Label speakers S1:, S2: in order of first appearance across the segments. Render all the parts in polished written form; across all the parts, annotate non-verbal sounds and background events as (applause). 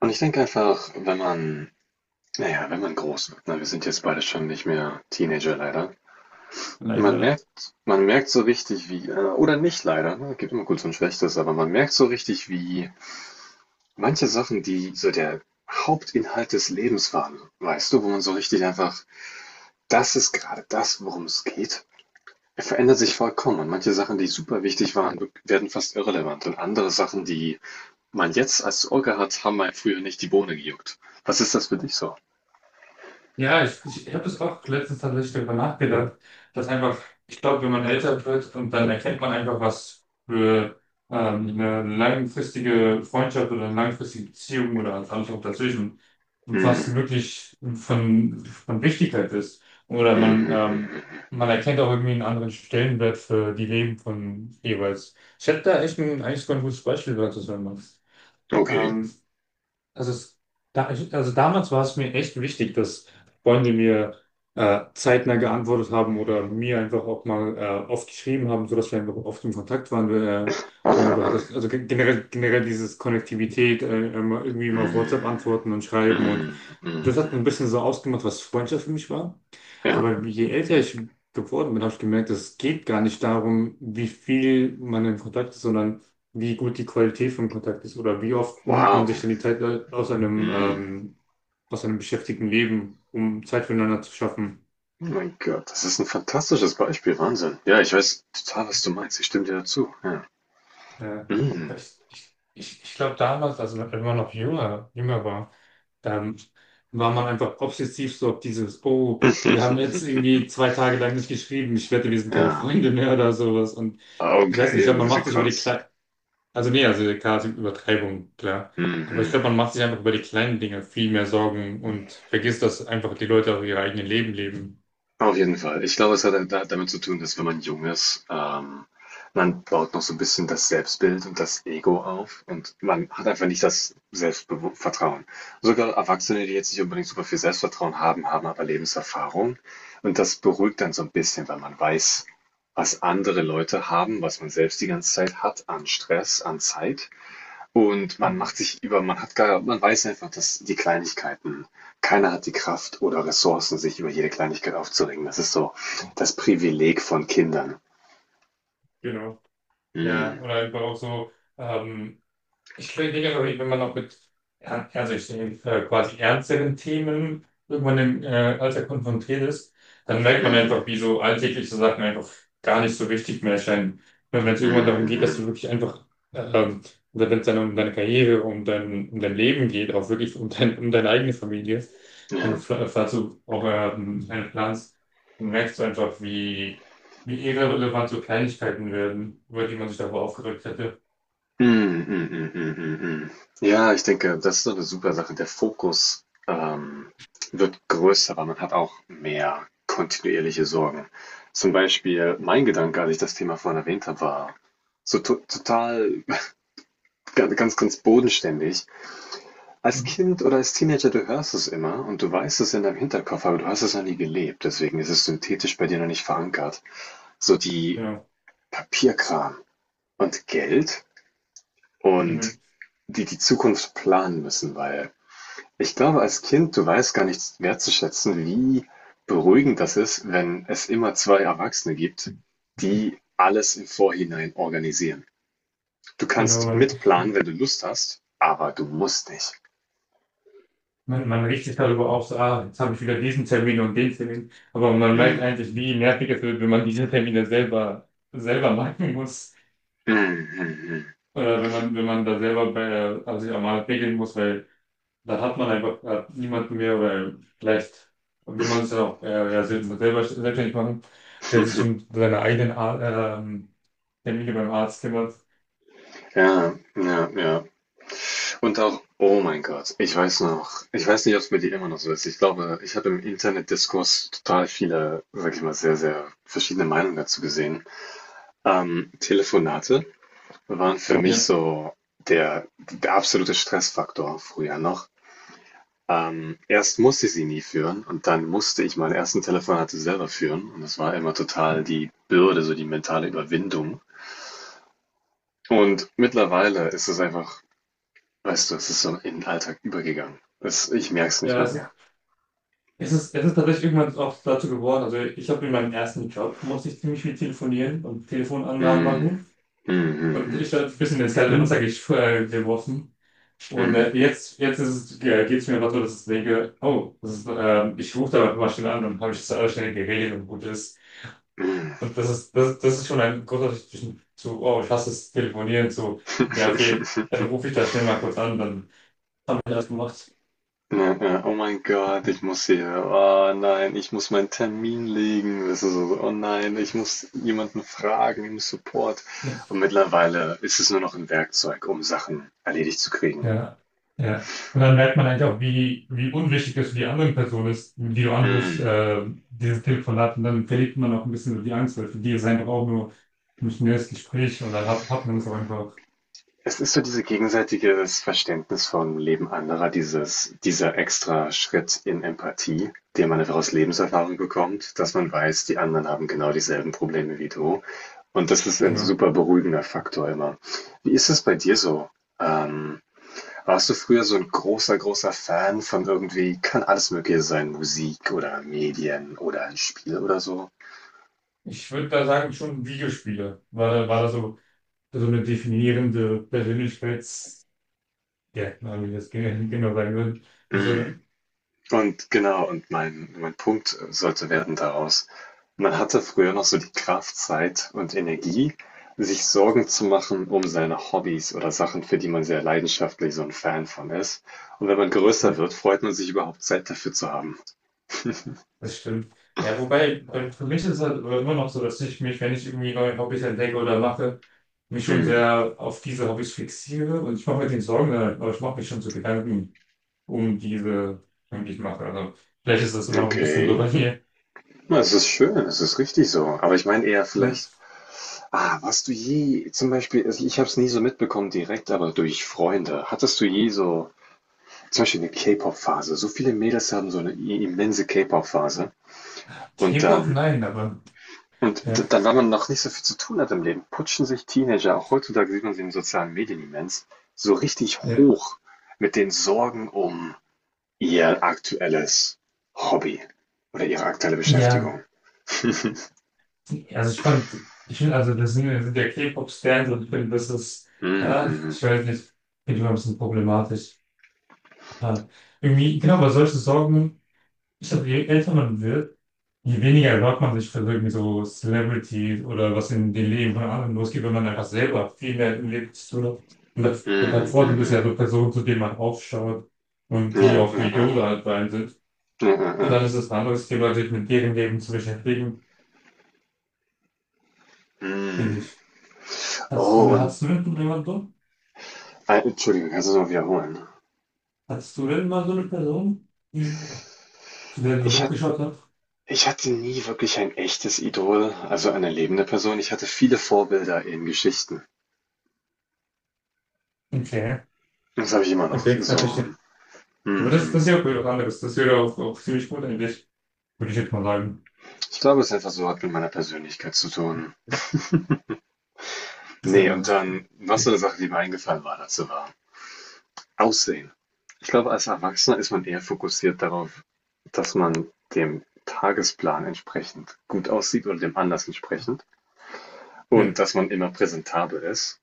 S1: Und ich denke einfach, wenn man, naja, wenn man groß wird, ne, wir sind jetzt beide schon nicht mehr Teenager leider.
S2: Leider.
S1: Man merkt so richtig wie, oder nicht leider, ne, gibt immer Gutes und Schlechtes, aber man merkt so richtig wie manche Sachen, die so der Hauptinhalt des Lebens waren, weißt du, wo man so richtig einfach, das ist gerade das, worum es geht, verändert sich vollkommen. Und manche Sachen, die super wichtig waren, werden fast irrelevant. Und andere Sachen, die man jetzt als Ohr hat, haben einem früher nicht die Bohne gejuckt. Was ist das für dich so?
S2: Ja, ich habe es auch letztens tatsächlich darüber nachgedacht, dass einfach, ich glaube, wenn man älter wird und dann erkennt man einfach, was für eine langfristige Freundschaft oder eine langfristige Beziehung oder alles auch dazwischen, was
S1: Hm.
S2: wirklich von Wichtigkeit ist. Oder man,
S1: Mhm.
S2: man erkennt auch irgendwie einen anderen Stellenwert für die Leben von jeweils. Ich hätte da echt ein, eigentlich sogar ein gutes Beispiel, dazu wenn sagen machst.
S1: Okay.
S2: Also, es, da, also damals war es mir echt wichtig, dass Freunde mir zeitnah geantwortet haben oder mir einfach auch mal oft geschrieben haben, sodass wir einfach oft im Kontakt waren. Oder einfach
S1: Mhm.
S2: das, also generell dieses Konnektivität, immer, irgendwie immer auf WhatsApp
S1: Mhm.
S2: antworten und schreiben. Und
S1: Mhm.
S2: das hat ein bisschen so ausgemacht, was Freundschaft für mich war.
S1: Ja.
S2: Aber je älter ich geworden bin, habe ich gemerkt, es geht gar nicht darum, wie viel man in Kontakt ist, sondern wie gut die Qualität vom Kontakt ist oder wie oft nimmt man sich
S1: Wow.
S2: denn die Zeit aus einem,
S1: Mhm.
S2: ähm, aus einem beschäftigten Leben, um Zeit füreinander zu schaffen.
S1: Oh mein Gott, das ist ein fantastisches Beispiel. Wahnsinn. Ja, ich weiß total, was du meinst. Ich stimme dir dazu. Ja.
S2: Äh,
S1: Mhm.
S2: ich glaube damals, also wenn man noch jünger war, ähm, war man einfach obsessiv so auf dieses, oh, wir haben jetzt irgendwie
S1: (laughs)
S2: zwei Tage lang nicht geschrieben, ich wette, wir sind keine
S1: Ja.
S2: Freunde mehr oder sowas. Und
S1: Ah,
S2: ich weiß nicht, ich
S1: okay,
S2: glaube,
S1: ein
S2: man
S1: bisschen
S2: macht sich über die
S1: krass.
S2: Kle Also nee, also klar, es gibt Übertreibung, klar. Aber ich glaube, man
S1: Mhm.
S2: macht sich einfach über die kleinen Dinge viel mehr Sorgen und vergisst, dass einfach die Leute auch ihre eigenen Leben leben.
S1: Auf jeden Fall. Ich glaube, es hat damit zu tun, dass wenn man jung ist, man baut noch so ein bisschen das Selbstbild und das Ego auf und man hat einfach nicht das Selbstvertrauen. Sogar Erwachsene, die jetzt nicht unbedingt super viel Selbstvertrauen haben, haben aber Lebenserfahrung und das beruhigt dann so ein bisschen, weil man weiß, was andere Leute haben, was man selbst die ganze Zeit hat an Stress, an Zeit. Und man
S2: Mhm.
S1: macht sich über, man hat gar, man weiß einfach, dass die Kleinigkeiten, keiner hat die Kraft oder Ressourcen, sich über jede Kleinigkeit aufzuregen. Das ist so das Privileg von Kindern.
S2: Genau. Ja,
S1: Mm,
S2: oder einfach auch so, ähm, ich reagiere aber ich bin immer noch mit, ja, also ich sehe quasi ernsteren Themen, irgendwann im Alltag konfrontiert ist, dann merkt man
S1: mm,
S2: einfach, wie so alltägliche Sachen einfach gar nicht so wichtig mehr erscheinen. Wenn es irgendwann darum
S1: mm,
S2: geht, dass du
S1: mm,
S2: wirklich einfach, ähm, oder wenn es dann um deine Karriere, um dein Leben geht, auch wirklich um deine eigene Familie, wenn du
S1: ja.
S2: dazu auch einen planst, dann merkst du einfach, wie, wie irrelevant so Kleinigkeiten werden, über die man sich davor aufgeregt hätte.
S1: Mm, mm, mm, mm, mm, mm. Ja, ich denke, das ist so eine super Sache. Der Fokus wird größer, aber man hat auch mehr kontinuierliche Sorgen. Zum Beispiel mein Gedanke, als ich das Thema vorhin erwähnt habe, war so to total ganz, ganz, ganz bodenständig. Als
S2: Mhm.
S1: Kind oder als Teenager, du hörst es immer und du weißt es in deinem Hinterkopf, aber du hast es noch nie gelebt. Deswegen ist es synthetisch bei dir noch nicht verankert. So die
S2: Ja.
S1: Papierkram und Geld
S2: Mhm.
S1: und die Zukunft planen müssen, weil ich glaube, als Kind, du weißt gar nicht wertzuschätzen, wie beruhigend das ist, wenn es immer zwei Erwachsene gibt, die alles im Vorhinein organisieren. Du
S2: Genau,
S1: kannst
S2: man,
S1: mitplanen, wenn du Lust hast, aber du musst nicht.
S2: man, man regt sich darüber auf, so, ah, jetzt habe ich wieder diesen Termin und den Termin. Aber man merkt
S1: Mm.
S2: eigentlich, wie nervig es wird, wenn man diese Termine selber, selber machen muss.
S1: Mhm, mhm.
S2: Oder wenn man, wenn man da selber bei, also sich einmal regeln muss, weil dann hat man einfach niemanden mehr, weil vielleicht will man es ja auch ja, selber selbstständig machen, der sich um seine eigenen Ar ähm, Termine beim Arzt kümmert.
S1: Ja, ja, ja. Und auch, oh mein Gott, ich weiß noch, ich weiß nicht, ob es bei dir immer noch so ist. Ich glaube, ich habe im Internetdiskurs total viele, sag ich mal, sehr, sehr verschiedene Meinungen dazu gesehen. Telefonate waren für mich
S2: Ja.
S1: so der, der absolute Stressfaktor früher noch. Erst musste ich sie nie führen und dann musste ich meine ersten Telefonate selber führen. Und das war immer total die Bürde, so die mentale Überwindung. Und mittlerweile ist es einfach. Weißt du, es ist so in den Alltag übergegangen. Das, ich merke es nicht
S2: Ja,
S1: mal
S2: es
S1: mehr.
S2: Es ist, es ist tatsächlich irgendwann auch dazu geworden. Also ich habe in meinem ersten Job musste ich ziemlich viel telefonieren und Telefonanlagen
S1: Hm.
S2: machen.
S1: Hm,
S2: Und
S1: hm,
S2: ich habe ein bisschen ins kalte Wasser Mhm. Geworfen. Und
S1: hm,
S2: jetzt ist es, geht es mir einfach so, dass ich denke, oh, das ist, ich rufe da mal schnell an, dann habe ich das alles schnell geregelt und gut ist.
S1: hm,
S2: Und das ist, das, das ist schon ein großer Unterschied zwischen zu, oh, ich hasse das Telefonieren, zu, ja, okay, dann
S1: hm. (laughs)
S2: rufe ich da schnell mal kurz an, dann haben wir das gemacht.
S1: Ja, ja. Oh mein Gott, ich muss hier. Oh nein, ich muss meinen Termin legen. Das ist so, oh nein, ich muss jemanden fragen im Support.
S2: Ja.
S1: Und mittlerweile ist es nur noch ein Werkzeug, um Sachen erledigt zu kriegen.
S2: Ja, ja. Und dann merkt man eigentlich auch, wie, wie unwichtig das für die andere Person ist, die du anrufst,
S1: Hm.
S2: dieses Telefonat. Und dann verliert man auch ein bisschen so die Angst, weil für die ist es einfach auch nur ein schnelles Gespräch und dann hat man es auch einfach.
S1: Es ist so diese gegenseitiges Verständnis vom Leben anderer, dieses dieser extra Schritt in Empathie, den man einfach aus Lebenserfahrung bekommt, dass man weiß, die anderen haben genau dieselben Probleme wie du. Und das ist ein
S2: Genau.
S1: super beruhigender Faktor immer. Wie ist das bei dir so? Ähm, warst du früher so ein großer, großer Fan von irgendwie, kann alles Mögliche sein, Musik oder Medien oder ein Spiel oder so?
S2: Ich würde da sagen, schon Videospiele. War da so, so eine definierende Persönlichkeits, ja, wie ich das genau sagen würde. Wieso
S1: Mm.
S2: denn?
S1: Und genau, und mein Punkt sollte werden daraus, man hatte früher noch so die Kraft, Zeit und Energie, sich Sorgen zu machen um seine Hobbys oder Sachen, für die man sehr leidenschaftlich so ein Fan von ist. Und wenn man größer wird, freut man sich überhaupt Zeit dafür zu haben.
S2: Das stimmt. Ja, wobei, für mich ist es halt immer noch so, dass ich mich, wenn ich irgendwie neue Hobbys entdecke oder mache, mich schon
S1: Hm,
S2: sehr auf diese Hobbys fixiere und ich mache mir den Sorgen, aber ich mache mich schon so Gedanken um diese, um die ich mache. Also, vielleicht ist das immer noch ein bisschen so
S1: okay.
S2: bei mir.
S1: Na, es ist schön, es ist richtig so. Aber ich meine eher
S2: Ja.
S1: vielleicht, ah, warst du je, zum Beispiel, also ich habe es nie so mitbekommen direkt, aber durch Freunde, hattest du je so zum Beispiel eine K-Pop-Phase. So viele Mädels haben so eine immense K-Pop-Phase. Und
S2: K-Pop,
S1: dann,
S2: nein, aber,
S1: und
S2: ja,
S1: dann, weil man noch nicht so viel zu tun hat im Leben, putschen sich Teenager, auch heutzutage sieht man sie in den sozialen Medien immens, so richtig
S2: ja.
S1: hoch mit den Sorgen um ihr aktuelles Hobby oder ihre aktuelle
S2: Ja,
S1: Beschäftigung. (laughs)
S2: also ich fand, ich finde, also, das sind ja K-Pop-Stars und ich finde, das ist,
S1: Mm,
S2: ah,
S1: mm,
S2: ich weiß nicht, finde ich immer ein bisschen problematisch. Aber irgendwie, genau, aber solche Sorgen, ich glaube, je älter man wird, je weniger hört man sich für irgendwie so Celebrities oder was in den Leben von anderen losgeht, wenn man einfach selber viel mehr im Leben zu tun hat. Und
S1: mm,
S2: das, das
S1: mm, mm,
S2: Vorteil ist ja
S1: mm.
S2: so Personen, zu denen man aufschaut und
S1: Ja,
S2: die
S1: ja,
S2: auch für
S1: ja, ja,
S2: Yoga halt rein sind.
S1: ja, ja,
S2: Und
S1: ja.
S2: dann ist es ein anderes Thema, sich mit deren Leben zu beschäftigen, finde
S1: Mm.
S2: ich. Hast du,
S1: Oh, und
S2: hast du denn jemanden so?
S1: Entschuldigung, kannst du es noch wiederholen?
S2: Hattest du denn mal so eine Person, die, zu der du so
S1: Ich hatte
S2: hochgeschaut hast?
S1: Ich hatte nie wirklich ein echtes Idol, also eine lebende Person. Ich hatte viele Vorbilder in Geschichten.
S2: Okay,
S1: Das habe ich immer noch.
S2: okay, na,
S1: So.
S2: verstehe. Aber das,
S1: Mhm.
S2: das ist ja auch wieder was anderes. Das wäre auch, auch ziemlich gut eigentlich, würde ich jetzt mal sagen.
S1: Ich glaube, es ist einfach so, hat mit meiner Persönlichkeit zu tun.
S2: Ist
S1: Nee,
S2: ja-
S1: und dann, was so eine Sache, die mir eingefallen war dazu war. Aussehen. Ich glaube, als Erwachsener ist man eher fokussiert darauf, dass man dem Tagesplan entsprechend gut aussieht oder dem Anlass entsprechend und dass man immer präsentabel ist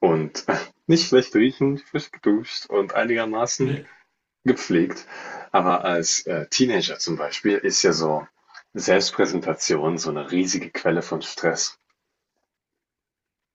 S1: und (laughs) nicht schlecht riechend, frisch geduscht und einigermaßen
S2: Ja,
S1: gepflegt. Aber als Teenager zum Beispiel ist ja so Selbstpräsentation so eine riesige Quelle von Stress.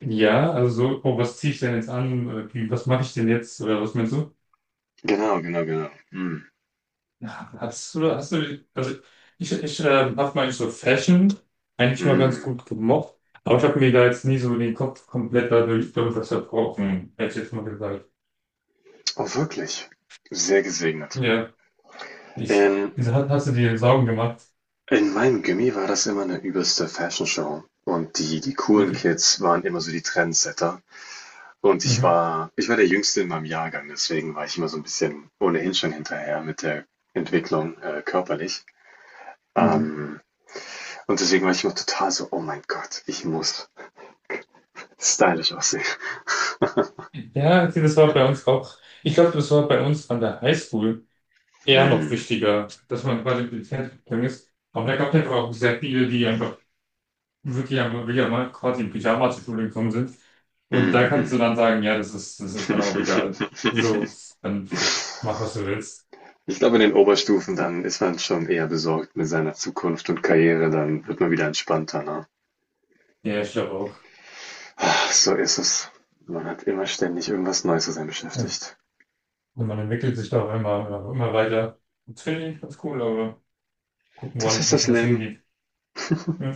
S2: ja, also so, oh, was ziehe ich denn jetzt an? Oder wie, was mache ich denn jetzt? Oder was meinst du?
S1: Genau, genau, genau. Mm,
S2: Also ich habe meine so Fashion eigentlich mal ganz
S1: mm.
S2: gut gemocht, aber ich habe mir da jetzt nie so den Kopf komplett dadurch, darüber zerbrochen, hätte ich jetzt mal gesagt.
S1: Oh, wirklich. Sehr gesegnet.
S2: Ja, ich,
S1: In,
S2: wieso hast du dir Sorgen gemacht?
S1: in meinem Gimmi war das immer eine übelste Fashion-Show. Und die coolen
S2: Wirklich?
S1: Kids waren immer so die Trendsetter. Und
S2: Mhm.
S1: ich war der Jüngste in meinem Jahrgang, deswegen war ich immer so ein bisschen ohnehin schon hinterher mit der Entwicklung körperlich.
S2: Mhm.
S1: Ähm, Und deswegen war ich immer total so, oh mein Gott, ich muss stylisch aussehen.
S2: Ja, okay, das war bei uns auch, ich glaube, das war bei uns an der Highschool. Eher noch
S1: Mm.
S2: wichtiger, dass man quasi mit dem Fernsehen ist. Aber da gab es einfach auch sehr viele, die einfach wirklich mal quasi in Pyjama zur Schule gekommen sind. Und da
S1: Mm,
S2: kannst du
S1: mm.
S2: dann sagen, ja, das ist dann auch egal.
S1: (laughs)
S2: So, dann mach, was du willst.
S1: Ich glaube, in den Oberstufen dann ist man schon eher besorgt mit seiner Zukunft und Karriere, dann wird man wieder entspannter. Ne?
S2: Ja, ich glaube auch.
S1: So ist es. Man hat immer ständig irgendwas Neues, zu sein
S2: Ja.
S1: beschäftigt.
S2: Und man entwickelt sich da auch immer, immer weiter. Das finde ich ganz cool, aber gucken
S1: Das
S2: wollen,
S1: ist
S2: dass
S1: das
S2: das
S1: Leben.
S2: hingeht. Ja.